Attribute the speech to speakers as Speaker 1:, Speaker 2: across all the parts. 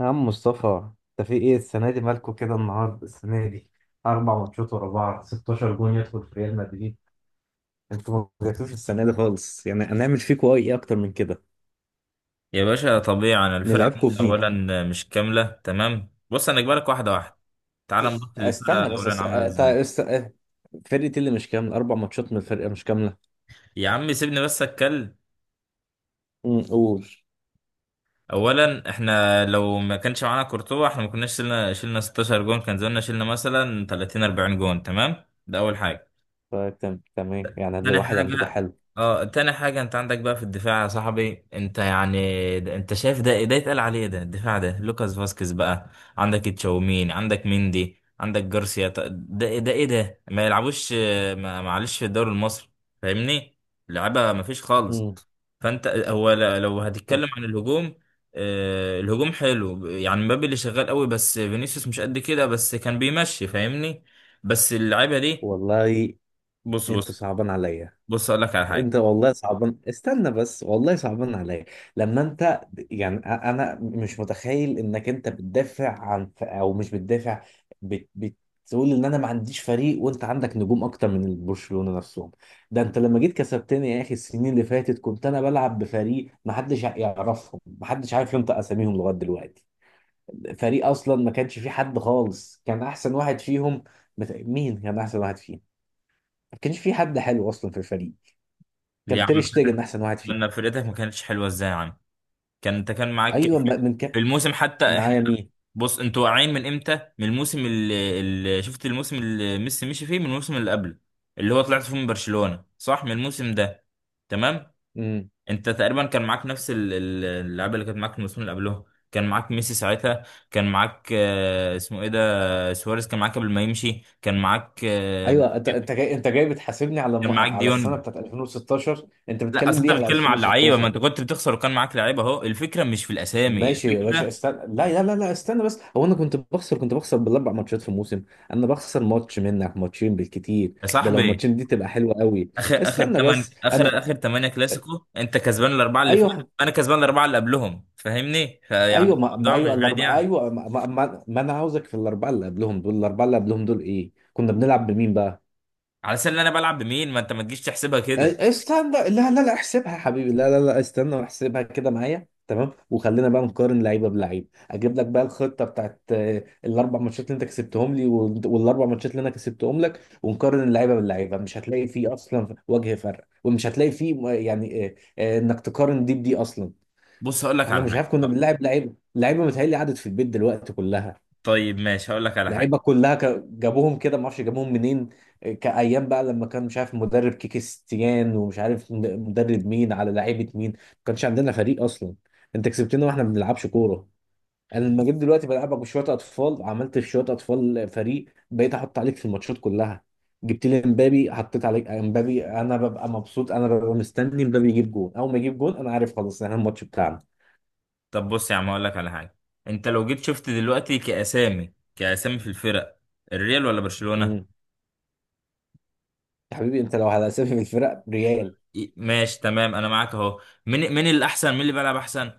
Speaker 1: يا عم مصطفى، انت في ايه السنه دي؟ مالكوا كده النهارده؟ السنه دي اربع ماتشات ورا بعض، 16 جون يدخل في ريال مدريد. انتوا ما جاتوش السنه دي خالص، يعني هنعمل فيكوا ايه اكتر من كده؟
Speaker 2: يا باشا، طبيعي. انا الفرقة
Speaker 1: نلعبكوا
Speaker 2: عندي
Speaker 1: بمين؟
Speaker 2: اولا مش كاملة. تمام، بص انا اجبارك واحدة واحدة. تعال نبص للفرقة
Speaker 1: استنى بس
Speaker 2: اولا
Speaker 1: است...
Speaker 2: عاملة
Speaker 1: أت-
Speaker 2: ازاي.
Speaker 1: است... أه، فرقتي اللي مش كامله، اربع ماتشات من الفرقه مش كامله.
Speaker 2: يا عم سيبني بس اتكلم.
Speaker 1: قول.
Speaker 2: اولا احنا لو ما كانش معانا كورتوا احنا ما كناش شلنا 16 جون، كان زماننا شلنا مثلا 30 40 جون. تمام، ده اول حاجة.
Speaker 1: فتم تمام، يعني ده
Speaker 2: تاني
Speaker 1: واحد عندكوا
Speaker 2: حاجة
Speaker 1: حلو.
Speaker 2: اه تاني حاجة، انت عندك بقى في الدفاع يا صاحبي. انت يعني انت شايف ده إيه؟ ده يتقال عليه ده الدفاع؟ ده لوكاس فاسكيز بقى. عندك تشاوميني، عندك مندي، عندك جارسيا، ده إيه؟ ده ايه ده؟ ما يلعبوش، معلش، في الدوري المصري فاهمني، لعبة ما فيش خالص.
Speaker 1: امم،
Speaker 2: فانت هو لو هتتكلم عن الهجوم، الهجوم حلو. يعني مبابي اللي شغال قوي، بس فينيسيوس مش قد كده، بس كان بيمشي فاهمني. بس اللعيبة دي.
Speaker 1: والله
Speaker 2: بص
Speaker 1: انتوا
Speaker 2: بص،
Speaker 1: صعبان عليا.
Speaker 2: بص اقول لك على حاجة.
Speaker 1: انت والله صعبان، استنى بس، والله صعبان عليا لما انت، يعني انا مش متخيل انك انت بتدافع عن او مش بتدافع، بتقول ان انا ما عنديش فريق، وانت عندك نجوم اكتر من برشلونة نفسهم. ده انت لما جيت كسبتني يا اخي، السنين اللي فاتت كنت انا بلعب بفريق ما حدش يعرفهم، ما حدش عارف ينطق اساميهم لغاية دلوقتي. فريق اصلا ما كانش فيه حد خالص، كان احسن واحد فيهم، مين كان احسن واحد فيهم؟ ما كانش فيه حد حلو اصلا في الفريق.
Speaker 2: ليه يا
Speaker 1: كان
Speaker 2: عم
Speaker 1: تير شتيجن
Speaker 2: فاتك
Speaker 1: احسن واحد فيه.
Speaker 2: نفرتك ما كانتش حلوه ازاي يا عم؟ كان انت كان معاك
Speaker 1: ايوه،
Speaker 2: في
Speaker 1: بقى من
Speaker 2: في
Speaker 1: كام؟
Speaker 2: الموسم حتى احنا.
Speaker 1: معايا مين؟
Speaker 2: بص انتوا واقعين من امتى؟ من الموسم اللي شفت، الموسم اللي ميسي مشي فيه، من الموسم اللي قبله، اللي هو طلعت فيه من برشلونه، صح؟ من الموسم ده تمام.
Speaker 1: امم
Speaker 2: انت تقريبا كان معاك نفس اللعيبه اللي كانت معاك الموسم اللي قبله. كان معاك ميسي ساعتها. كان معاك، اسمه ايه ده، سواريز، كان معاك قبل ما يمشي. كان معاك،
Speaker 1: ايوه، انت جاي، بتحاسبني على
Speaker 2: كان معاك
Speaker 1: على
Speaker 2: ديونج.
Speaker 1: السنه بتاعت 2016. انت
Speaker 2: لا اصل
Speaker 1: بتتكلم
Speaker 2: انت
Speaker 1: ليه على
Speaker 2: بتتكلم على اللعيبه، ما
Speaker 1: 2016؟
Speaker 2: انت كنت بتخسر وكان معاك لعيبه اهو. الفكره مش في الاسامي،
Speaker 1: ماشي يا باشا،
Speaker 2: الفكره
Speaker 1: استنى، لا لا لا لا، استنى بس، هو انا كنت بخسر، بالاربع ماتشات في الموسم؟ انا بخسر ماتش منك، ماتشين بالكتير.
Speaker 2: يا
Speaker 1: ده لو
Speaker 2: صاحبي.
Speaker 1: ماتشين دي تبقى حلوه قوي. استنى بس، انا
Speaker 2: اخر اخر تمانية كلاسيكو انت كسبان الاربعه اللي فاتوا.
Speaker 1: ايوه.
Speaker 2: انا كسبان الاربعه اللي قبلهم فاهمني، فيعني
Speaker 1: ايوه، ما, ما
Speaker 2: الموضوع مش
Speaker 1: ايوه
Speaker 2: بعيد
Speaker 1: الاربعه،
Speaker 2: يعني.
Speaker 1: ايوه ما انا عاوزك في الاربعه اللي قبلهم دول، الاربعه اللي قبلهم دول ايه؟ كنا بنلعب بمين بقى؟
Speaker 2: على سبيل انا بلعب بمين؟ ما انت ما تجيش تحسبها كده.
Speaker 1: استنى، لا لا لا احسبها يا حبيبي، لا لا لا استنى واحسبها كده معايا تمام، وخلينا بقى نقارن لعيبه بلعيب، اجيب لك بقى الخطه بتاعت الاربع ماتشات اللي انت كسبتهم لي، والاربع ماتشات اللي انا كسبتهم لك، ونقارن اللعيبه باللعيبه. مش هتلاقي فيه اصلا وجه فرق، ومش هتلاقي فيه انك تقارن دي بدي اصلا.
Speaker 2: بص هقول لك
Speaker 1: احنا
Speaker 2: على
Speaker 1: مش عارف
Speaker 2: حاجه.
Speaker 1: كنا بنلعب لعيبه لعيبه، متهيألي قعدت في البيت دلوقتي كلها.
Speaker 2: طيب ماشي هقول لك على حاجه.
Speaker 1: لعيبه كلها جابوهم كده، ما اعرفش جابوهم منين. كايام بقى لما كان مش عارف مدرب كيكي ستيان، ومش عارف مدرب مين على لعيبه مين، ما كانش عندنا فريق اصلا. انت كسبتنا واحنا ما بنلعبش كوره. انا لما جيت دلوقتي بلعبك بشويه اطفال، عملت في شويه اطفال فريق، بقيت احط عليك في الماتشات كلها. جبت لي امبابي، حطيت عليك امبابي، انا ببقى مبسوط، انا ببقى مستني امبابي يجيب جون، اول ما يجيب جون انا عارف خلاص احنا الماتش بتاعنا.
Speaker 2: طب بص يا عم هقول لك على حاجه. انت لو جيت شفت دلوقتي كاسامي في الفرق، الريال ولا برشلونه؟
Speaker 1: امم يا حبيبي، انت لو على اسامي الفرق، ريال
Speaker 2: إيه، ماشي تمام، انا معاك اهو. مين مين الاحسن؟ مين اللي بيلعب احسن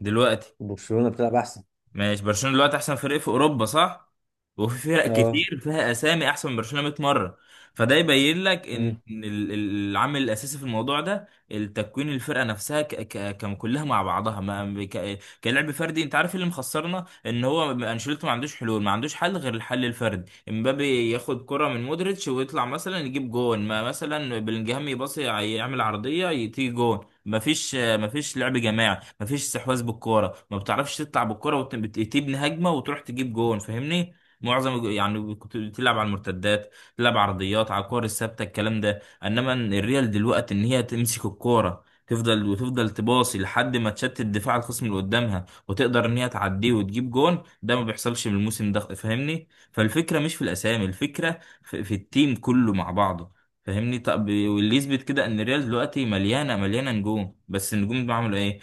Speaker 2: دلوقتي؟
Speaker 1: وبرشلونه بتلعب احسن.
Speaker 2: ماشي، برشلونة دلوقتي احسن فريق في اوروبا، صح؟ وفي فرق
Speaker 1: اه.
Speaker 2: كتير فيها اسامي احسن من برشلونة 100 مرة. فده يبين لك ان العامل الاساسي في الموضوع ده التكوين، الفرقة نفسها كلها مع بعضها، ما كلعب فردي. انت عارف إيه اللي مخسرنا؟ ان هو انشيلوتي ما عندوش حلول، ما عندوش حل غير الحل الفردي. امبابي ياخد كرة من مودريتش ويطلع مثلا يجيب جون، ما مثلا بلينجهام يباصي يعمل عرضية تيجي جون. مفيش لعب جماعي، مفيش استحواذ بالكوره. ما بتعرفش تطلع بالكوره وتبني هجمه وتروح تجيب جون فاهمني. معظم يعني كنت بتلعب على المرتدات، تلعب عرضيات على الكور الثابته الكلام ده. انما الريال دلوقتي ان هي تمسك الكوره، تفضل وتفضل تباصي لحد ما تشتت دفاع الخصم اللي قدامها وتقدر ان هي تعديه وتجيب جون. ده ما بيحصلش من الموسم ده فاهمني. فالفكره مش في الاسامي، الفكره في التيم كله مع بعضه فاهمني. طب واللي يثبت كده ان الريال دلوقتي مليانه مليانه نجوم، بس النجوم دول عملوا ايه؟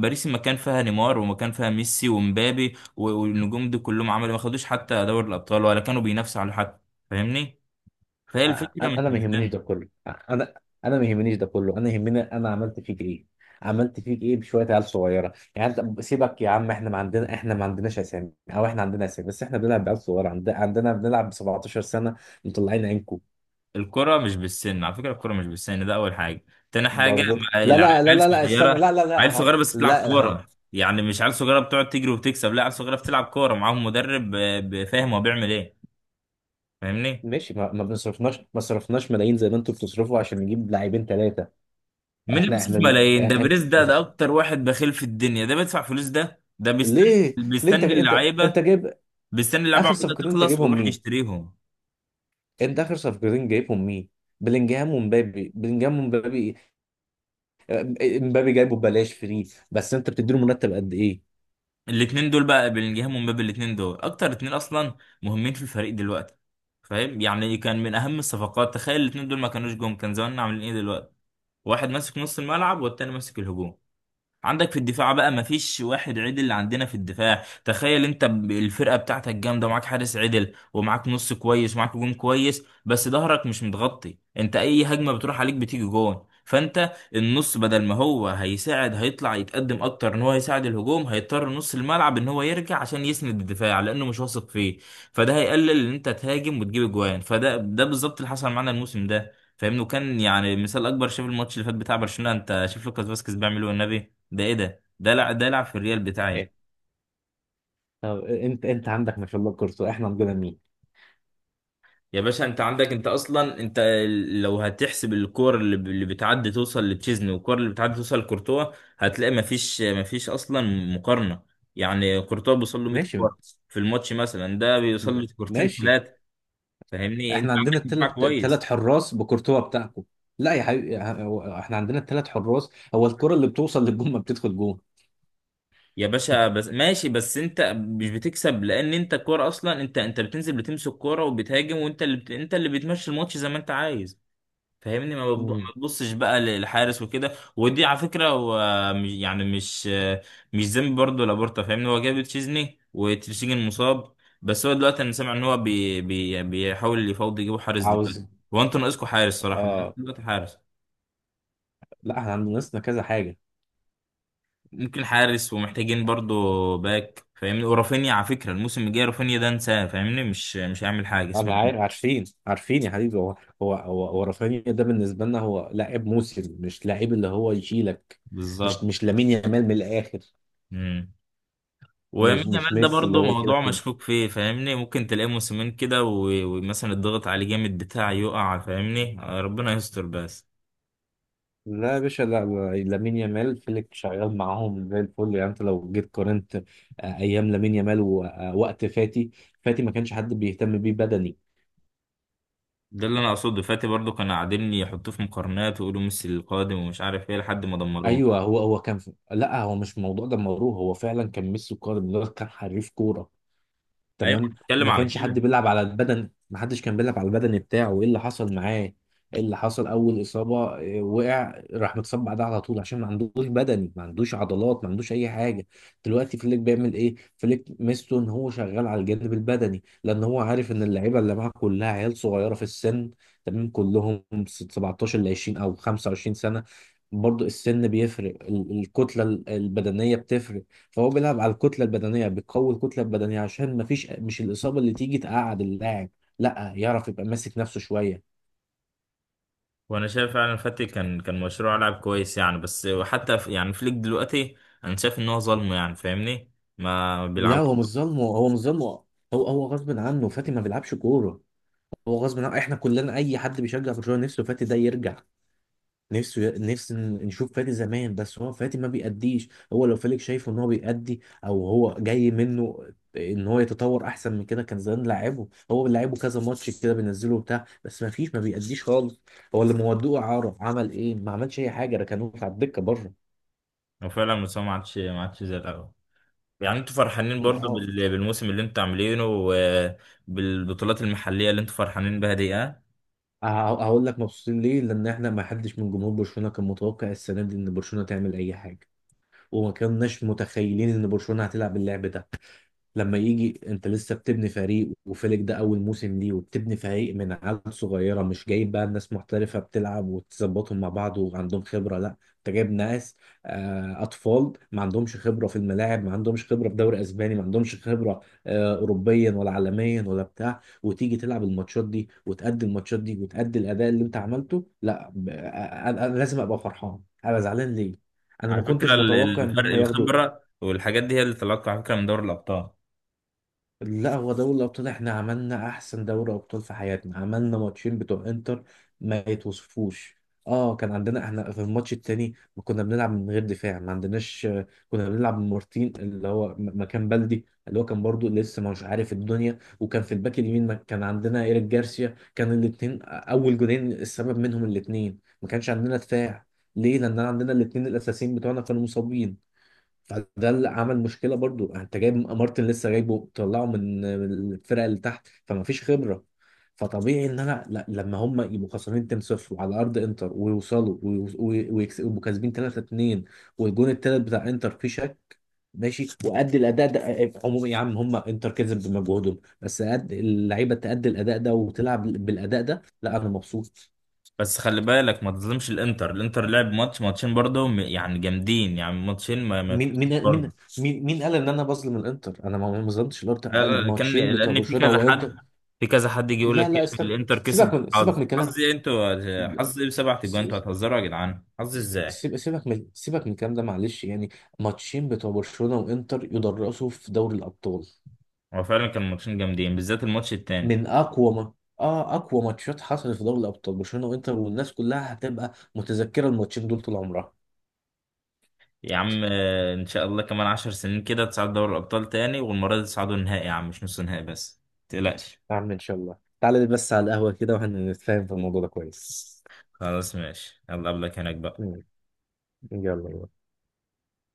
Speaker 2: باريس ما كان فيها نيمار، وما كان فيها ميسي ومبابي، والنجوم دي كلهم عملوا، ما خدوش حتى دوري الابطال ولا كانوا بينافسوا على حد فاهمني. فهي
Speaker 1: أ-
Speaker 2: الفكره مش
Speaker 1: انا ما يهمنيش
Speaker 2: بالسن.
Speaker 1: ده كله، انا انا ما يهمنيش ده كله، انا يهمني انا عملت فيك ايه. عملت فيك ايه بشويه عيال صغيره؟ يعني أنت سيبك يا عم، احنا ما عندناش اسامي، او احنا عندنا اسامي بس احنا بنلعب بعيال صغيره، عندنا بنلعب ب 17 سنه، مطلعين عينكم.
Speaker 2: الكره مش بالسن على فكره، الكره مش بالسن، ده اول حاجه. تاني حاجه،
Speaker 1: برضه،
Speaker 2: مع
Speaker 1: لا لا لا
Speaker 2: العيال
Speaker 1: لا لا استنى،
Speaker 2: صغيره،
Speaker 1: لا لا لا،
Speaker 2: عيال صغيره
Speaker 1: اهو،
Speaker 2: بس بتلعب
Speaker 1: لا اهو.
Speaker 2: كوره. يعني مش عيال صغيره بتقعد تجري وتكسب، لا عيال صغيره بتلعب كوره، معاهم مدرب فاهم هو بيعمل ايه فاهمني.
Speaker 1: ماشي، ما ما بنصرفناش، ما صرفناش ملايين زي ما انتوا بتصرفوا عشان نجيب لاعبين ثلاثه.
Speaker 2: مين اللي
Speaker 1: احنا
Speaker 2: بيصرف
Speaker 1: احنا
Speaker 2: ملايين؟ ده بريز، ده اكتر واحد بخيل في الدنيا، ده بيدفع فلوس، ده بيستنى
Speaker 1: ليه؟
Speaker 2: بيستنى
Speaker 1: انت، انت
Speaker 2: اللعيبه،
Speaker 1: انت جايب
Speaker 2: بيستني اللعبة
Speaker 1: اخر
Speaker 2: عقودها
Speaker 1: صفقتين، انت
Speaker 2: تخلص
Speaker 1: جايبهم.
Speaker 2: ويروح يشتريهم.
Speaker 1: انت اخر صفقتين جايبهم مين؟ بلينجهام ومبابي، بلينجهام ومبابي. آه، مبابي جايبه ببلاش فري، بس انت بتديله مرتب قد ايه؟
Speaker 2: الاتنين دول بقى بلينجهام ومبابي، الاتنين دول اكتر اتنين اصلا مهمين في الفريق دلوقتي. فاهم، يعني كان من اهم الصفقات. تخيل الاتنين دول ما كانوش جم، كان زماننا عاملين ايه دلوقتي؟ واحد ماسك نص الملعب والتاني ماسك الهجوم. عندك في الدفاع بقى مفيش واحد عدل عندنا في الدفاع. تخيل انت، الفرقة بتاعتك جامدة ومعاك حارس عدل ومعاك نص كويس ومعاك هجوم كويس، بس ظهرك مش متغطي، انت اي هجمة بتروح عليك بتيجي جون. فانت النص بدل ما هو هيساعد هيطلع يتقدم اكتر ان هو يساعد الهجوم، هيضطر نص الملعب ان هو يرجع عشان يسند الدفاع لانه مش واثق فيه. فده هيقلل ان انت تهاجم وتجيب اجوان. فده بالظبط اللي حصل معانا الموسم ده فاهمني. وكان يعني مثال اكبر، شايف الماتش اللي فات بتاع برشلونة؟ انت شايف لوكاس فاسكيز بيعمل ايه والنبي. ده ايه ده؟ ده لعب في الريال بتاعي؟
Speaker 1: إيه؟ طب انت عندك ما شاء الله كورتوا، احنا عندنا مين؟
Speaker 2: يا باشا، انت عندك انت اصلا انت ال- لو هتحسب الكور اللي بتعدي توصل لتشيزني والكور اللي بتعدي توصل لكورتوا، هتلاقي مفيش، اصلا مقارنة. يعني كورتوا بيوصل له 100
Speaker 1: ماشي
Speaker 2: كورة في الماتش مثلا، ده بيوصل له كورتين
Speaker 1: ماشي،
Speaker 2: ثلاثة فاهمني. انت
Speaker 1: احنا عندنا
Speaker 2: عندك دفاع
Speaker 1: الثلاث
Speaker 2: كويس.
Speaker 1: حراس بكورتوا بتاعكم. لا يا حبيبي، احنا عندنا الثلاث حراس. هو الكرة اللي بتوصل للجون ما بتدخل جون.
Speaker 2: يا باشا بس ماشي، بس انت مش بتكسب لان انت الكوره اصلا، انت بتنزل بتمسك كوره وبتهاجم، وانت اللي بت... انت اللي بتمشي الماتش زي ما انت عايز فاهمني.
Speaker 1: مم.
Speaker 2: ما تبصش بقى للحارس وكده. ودي على فكره، هو مش- يعني مش ذنب برضه لابورتا فاهمني. هو جاب تشيزني وتشيزني مصاب. بس هو دلوقتي انا سامع ان هو بي بي بيحاول يفاوض يجيبوا حارس دلوقتي.
Speaker 1: عاوز.
Speaker 2: هو انتوا ناقصكم حارس صراحه
Speaker 1: اه.
Speaker 2: دلوقتي، حارس.
Speaker 1: لا احنا عندنا ناقصنا كذا حاجة.
Speaker 2: ممكن حارس ومحتاجين برضه باك فاهمني. ورافينيا، على فكره الموسم الجاي رافينيا ده انساه فاهمني، مش هيعمل حاجه، اسمع
Speaker 1: انا
Speaker 2: مني.
Speaker 1: عارف، عارفين عارفين يا حبيبي. هو هو رافينيا ده بالنسبه لنا هو لاعب موسم، مش لاعب اللي هو يشيلك،
Speaker 2: بالظبط.
Speaker 1: مش لامين يامال من الاخر،
Speaker 2: مم. ويمين
Speaker 1: مش
Speaker 2: يامال ده
Speaker 1: ميسي اللي
Speaker 2: برضه
Speaker 1: هو يشيلك
Speaker 2: موضوع مشكوك فيه فاهمني، ممكن تلاقيه موسمين كده، ومثلا الضغط عليه جامد بتاع يقع فاهمني، ربنا يستر بس.
Speaker 1: لا يا باشا، لا لا، لامين يامال فيليك شغال معاهم زي الفل. يعني انت لو جيت قارنت ايام لامين يامال ووقت فاتي، فاتي ما كانش حد بيهتم بيه بدني.
Speaker 2: ده اللي انا اقصده، فاتي برضه كانوا قاعدين يحطوه في مقارنات ويقولوا ميسي القادم ومش عارف ايه لحد ما دمروه.
Speaker 1: ايوه، هو كان لا هو مش الموضوع ده مروه، هو فعلا كان ميسي قادر، ده كان حريف كوره.
Speaker 2: ايوه
Speaker 1: تمام،
Speaker 2: بتكلم
Speaker 1: ما
Speaker 2: على
Speaker 1: كانش حد
Speaker 2: كده.
Speaker 1: بيلعب على البدن، ما حدش كان بيلعب على البدن بتاعه. ايه اللي حصل معاه؟ ايه اللي حصل؟ اول اصابه وقع، راح متصاب بعدها على طول عشان ما عندوش بدني، ما عندوش عضلات، ما عندوش اي حاجه. دلوقتي فليك بيعمل ايه؟ فليك ميزته ان هو شغال على الجانب البدني، لان هو عارف ان اللعيبه اللي معاه كلها عيال صغيره في السن. تمام، كلهم 17 ل 20 او 25 سنه. برضو السن بيفرق، الكتله البدنيه بتفرق. فهو بيلعب على الكتله البدنيه، بيقوي الكتله البدنيه عشان ما فيش، مش الاصابه اللي تيجي تقعد اللاعب، لا يعرف يبقى ماسك نفسه شويه.
Speaker 2: وانا شايف فعلا فاتي كان مشروع لاعب كويس يعني، بس حتى في يعني فليك دلوقتي انا شايف ان هو ظلمه يعني فاهمني، ما
Speaker 1: لا
Speaker 2: بيلعب.
Speaker 1: هو مش ظالمه، هو مش ظالمه، هو غصب عنه، فاتي ما بيلعبش كوره. هو غصب عنه، احنا كلنا اي حد بيشجع برشلونه نفسه فاتي ده يرجع، نفسه، نفسي نشوف فادي زمان، بس هو فادي ما بيأديش. هو لو فيليك شايفه ان هو بيأدي، او هو جاي منه ان هو يتطور احسن من كده، كان زمان لاعبه، هو لاعبه كذا ماتش كده بينزله بتاع، بس ما فيش، ما بيأديش خالص. هو اللي مودوه اعاره، عمل ايه؟ ما عملش اي حاجه، ركنوه على الدكه بره.
Speaker 2: هو فعلا مستواه ما عادش زي الاول. يعني انتوا فرحانين برضو
Speaker 1: اه.
Speaker 2: بالموسم اللي انتوا عاملينه وبالبطولات المحلية اللي انتوا فرحانين بها دي؟ اه.
Speaker 1: ه- هقول لك مبسوطين ليه؟ لان احنا ما حدش من جمهور برشلونه كان متوقع السنه دي ان برشلونه تعمل اي حاجه، وما كناش متخيلين ان برشلونه هتلعب اللعب ده. لما يجي انت لسه بتبني فريق، وفيلك ده اول موسم ليه، وبتبني فريق من عيال صغيره، مش جايب بقى ناس محترفه بتلعب وتظبطهم مع بعض وعندهم خبره، لا انت جايب ناس اطفال، ما عندهمش خبره في الملاعب، ما عندهمش خبره في دوري اسباني، ما عندهمش خبره اوروبيا ولا عالميا ولا بتاع، وتيجي تلعب الماتشات دي وتأدي الماتشات دي وتأدي الاداء اللي انت عملته، لا أنا لازم ابقى فرحان. انا زعلان ليه؟ انا
Speaker 2: على
Speaker 1: ما
Speaker 2: فكرة
Speaker 1: كنتش متوقع ان
Speaker 2: الفرق
Speaker 1: هم ياخدوا.
Speaker 2: الخبرة والحاجات دي هي اللي طلعت على فكرة من دوري الأبطال.
Speaker 1: لا هو دوري الأبطال احنا عملنا أحسن دوري أبطال في حياتنا، عملنا ماتشين بتوع إنتر ما يتوصفوش. اه، كان عندنا احنا في الماتش التاني ما كنا بنلعب من غير دفاع، ما عندناش، كنا بنلعب من مارتين اللي هو مكان بلدي، اللي هو كان برضو لسه ما مش عارف الدنيا، وكان في الباك اليمين كان عندنا إيريك جارسيا، كان الاتنين أول جولين السبب منهم الاتنين، ما كانش عندنا دفاع. ليه؟ لأن عندنا الاتنين الأساسيين بتوعنا كانوا مصابين. فده اللي عمل مشكله، برضو انت جايب مارتن لسه جايبه، طلعه من الفرقه اللي تحت، فما فيش خبره. فطبيعي ان انا، لا لما هم يبقوا خسرانين 2-0 على ارض انتر ويوصلوا، ويبقوا كاسبين 3-2، والجون التالت بتاع انتر فيه شك. ماشي، وأدي الاداء ده، عموما يا عم، هم انتر كسب بمجهودهم، بس أدي اللعيبه تأدي الاداء ده وتلعب بالاداء ده، لا انا مبسوط.
Speaker 2: بس خلي بالك ما تظلمش الانتر لعب ماتشين برضو، يعني جامدين يعني، ماتشين ما
Speaker 1: مين
Speaker 2: يتفوتوش
Speaker 1: مين
Speaker 2: برضو.
Speaker 1: مين؟ مين قال ان انا بظلم الانتر؟ انا ما ظلمتش
Speaker 2: لا
Speaker 1: الانتر،
Speaker 2: لا لا، كان
Speaker 1: الماتشين بتوع
Speaker 2: لأن في
Speaker 1: برشلونه
Speaker 2: كذا حد.
Speaker 1: وانتر.
Speaker 2: في كذا حد يجي يقول لك،
Speaker 1: لا لا استنى،
Speaker 2: الانتر كسب
Speaker 1: سيبك من
Speaker 2: حظ.
Speaker 1: الكلام،
Speaker 2: حظ ايه انتوا؟ حظ ايه بسبعة اجوان؟ انتوا
Speaker 1: س-
Speaker 2: هتهزروا يا جدعان؟ حظ ازاي؟
Speaker 1: سيبك من الكلام ده، معلش يعني. ماتشين بتوع برشلونة وانتر يدرسوا في دوري الابطال،
Speaker 2: هو فعلا كان ماتشين جامدين بالذات الماتش التاني.
Speaker 1: من اقوى ما، اه اقوى ماتشات حصلت في دوري الابطال. برشلونة وانتر، والناس كلها هتبقى متذكرة الماتشين دول طول عمرها.
Speaker 2: يا عم، ان شاء الله كمان 10 سنين كده تصعد دوري الابطال تاني، والمره دي تصعدوا النهائي يا عم مش نص نهائي بس، متقلقش.
Speaker 1: يا عم ان شاء الله تعالى، بس على القهوة كده واحنا نتفاهم في الموضوع ده كويس.
Speaker 2: خلاص ماشي، يلا قبلك هناك بقى.
Speaker 1: مم. يلا بقى.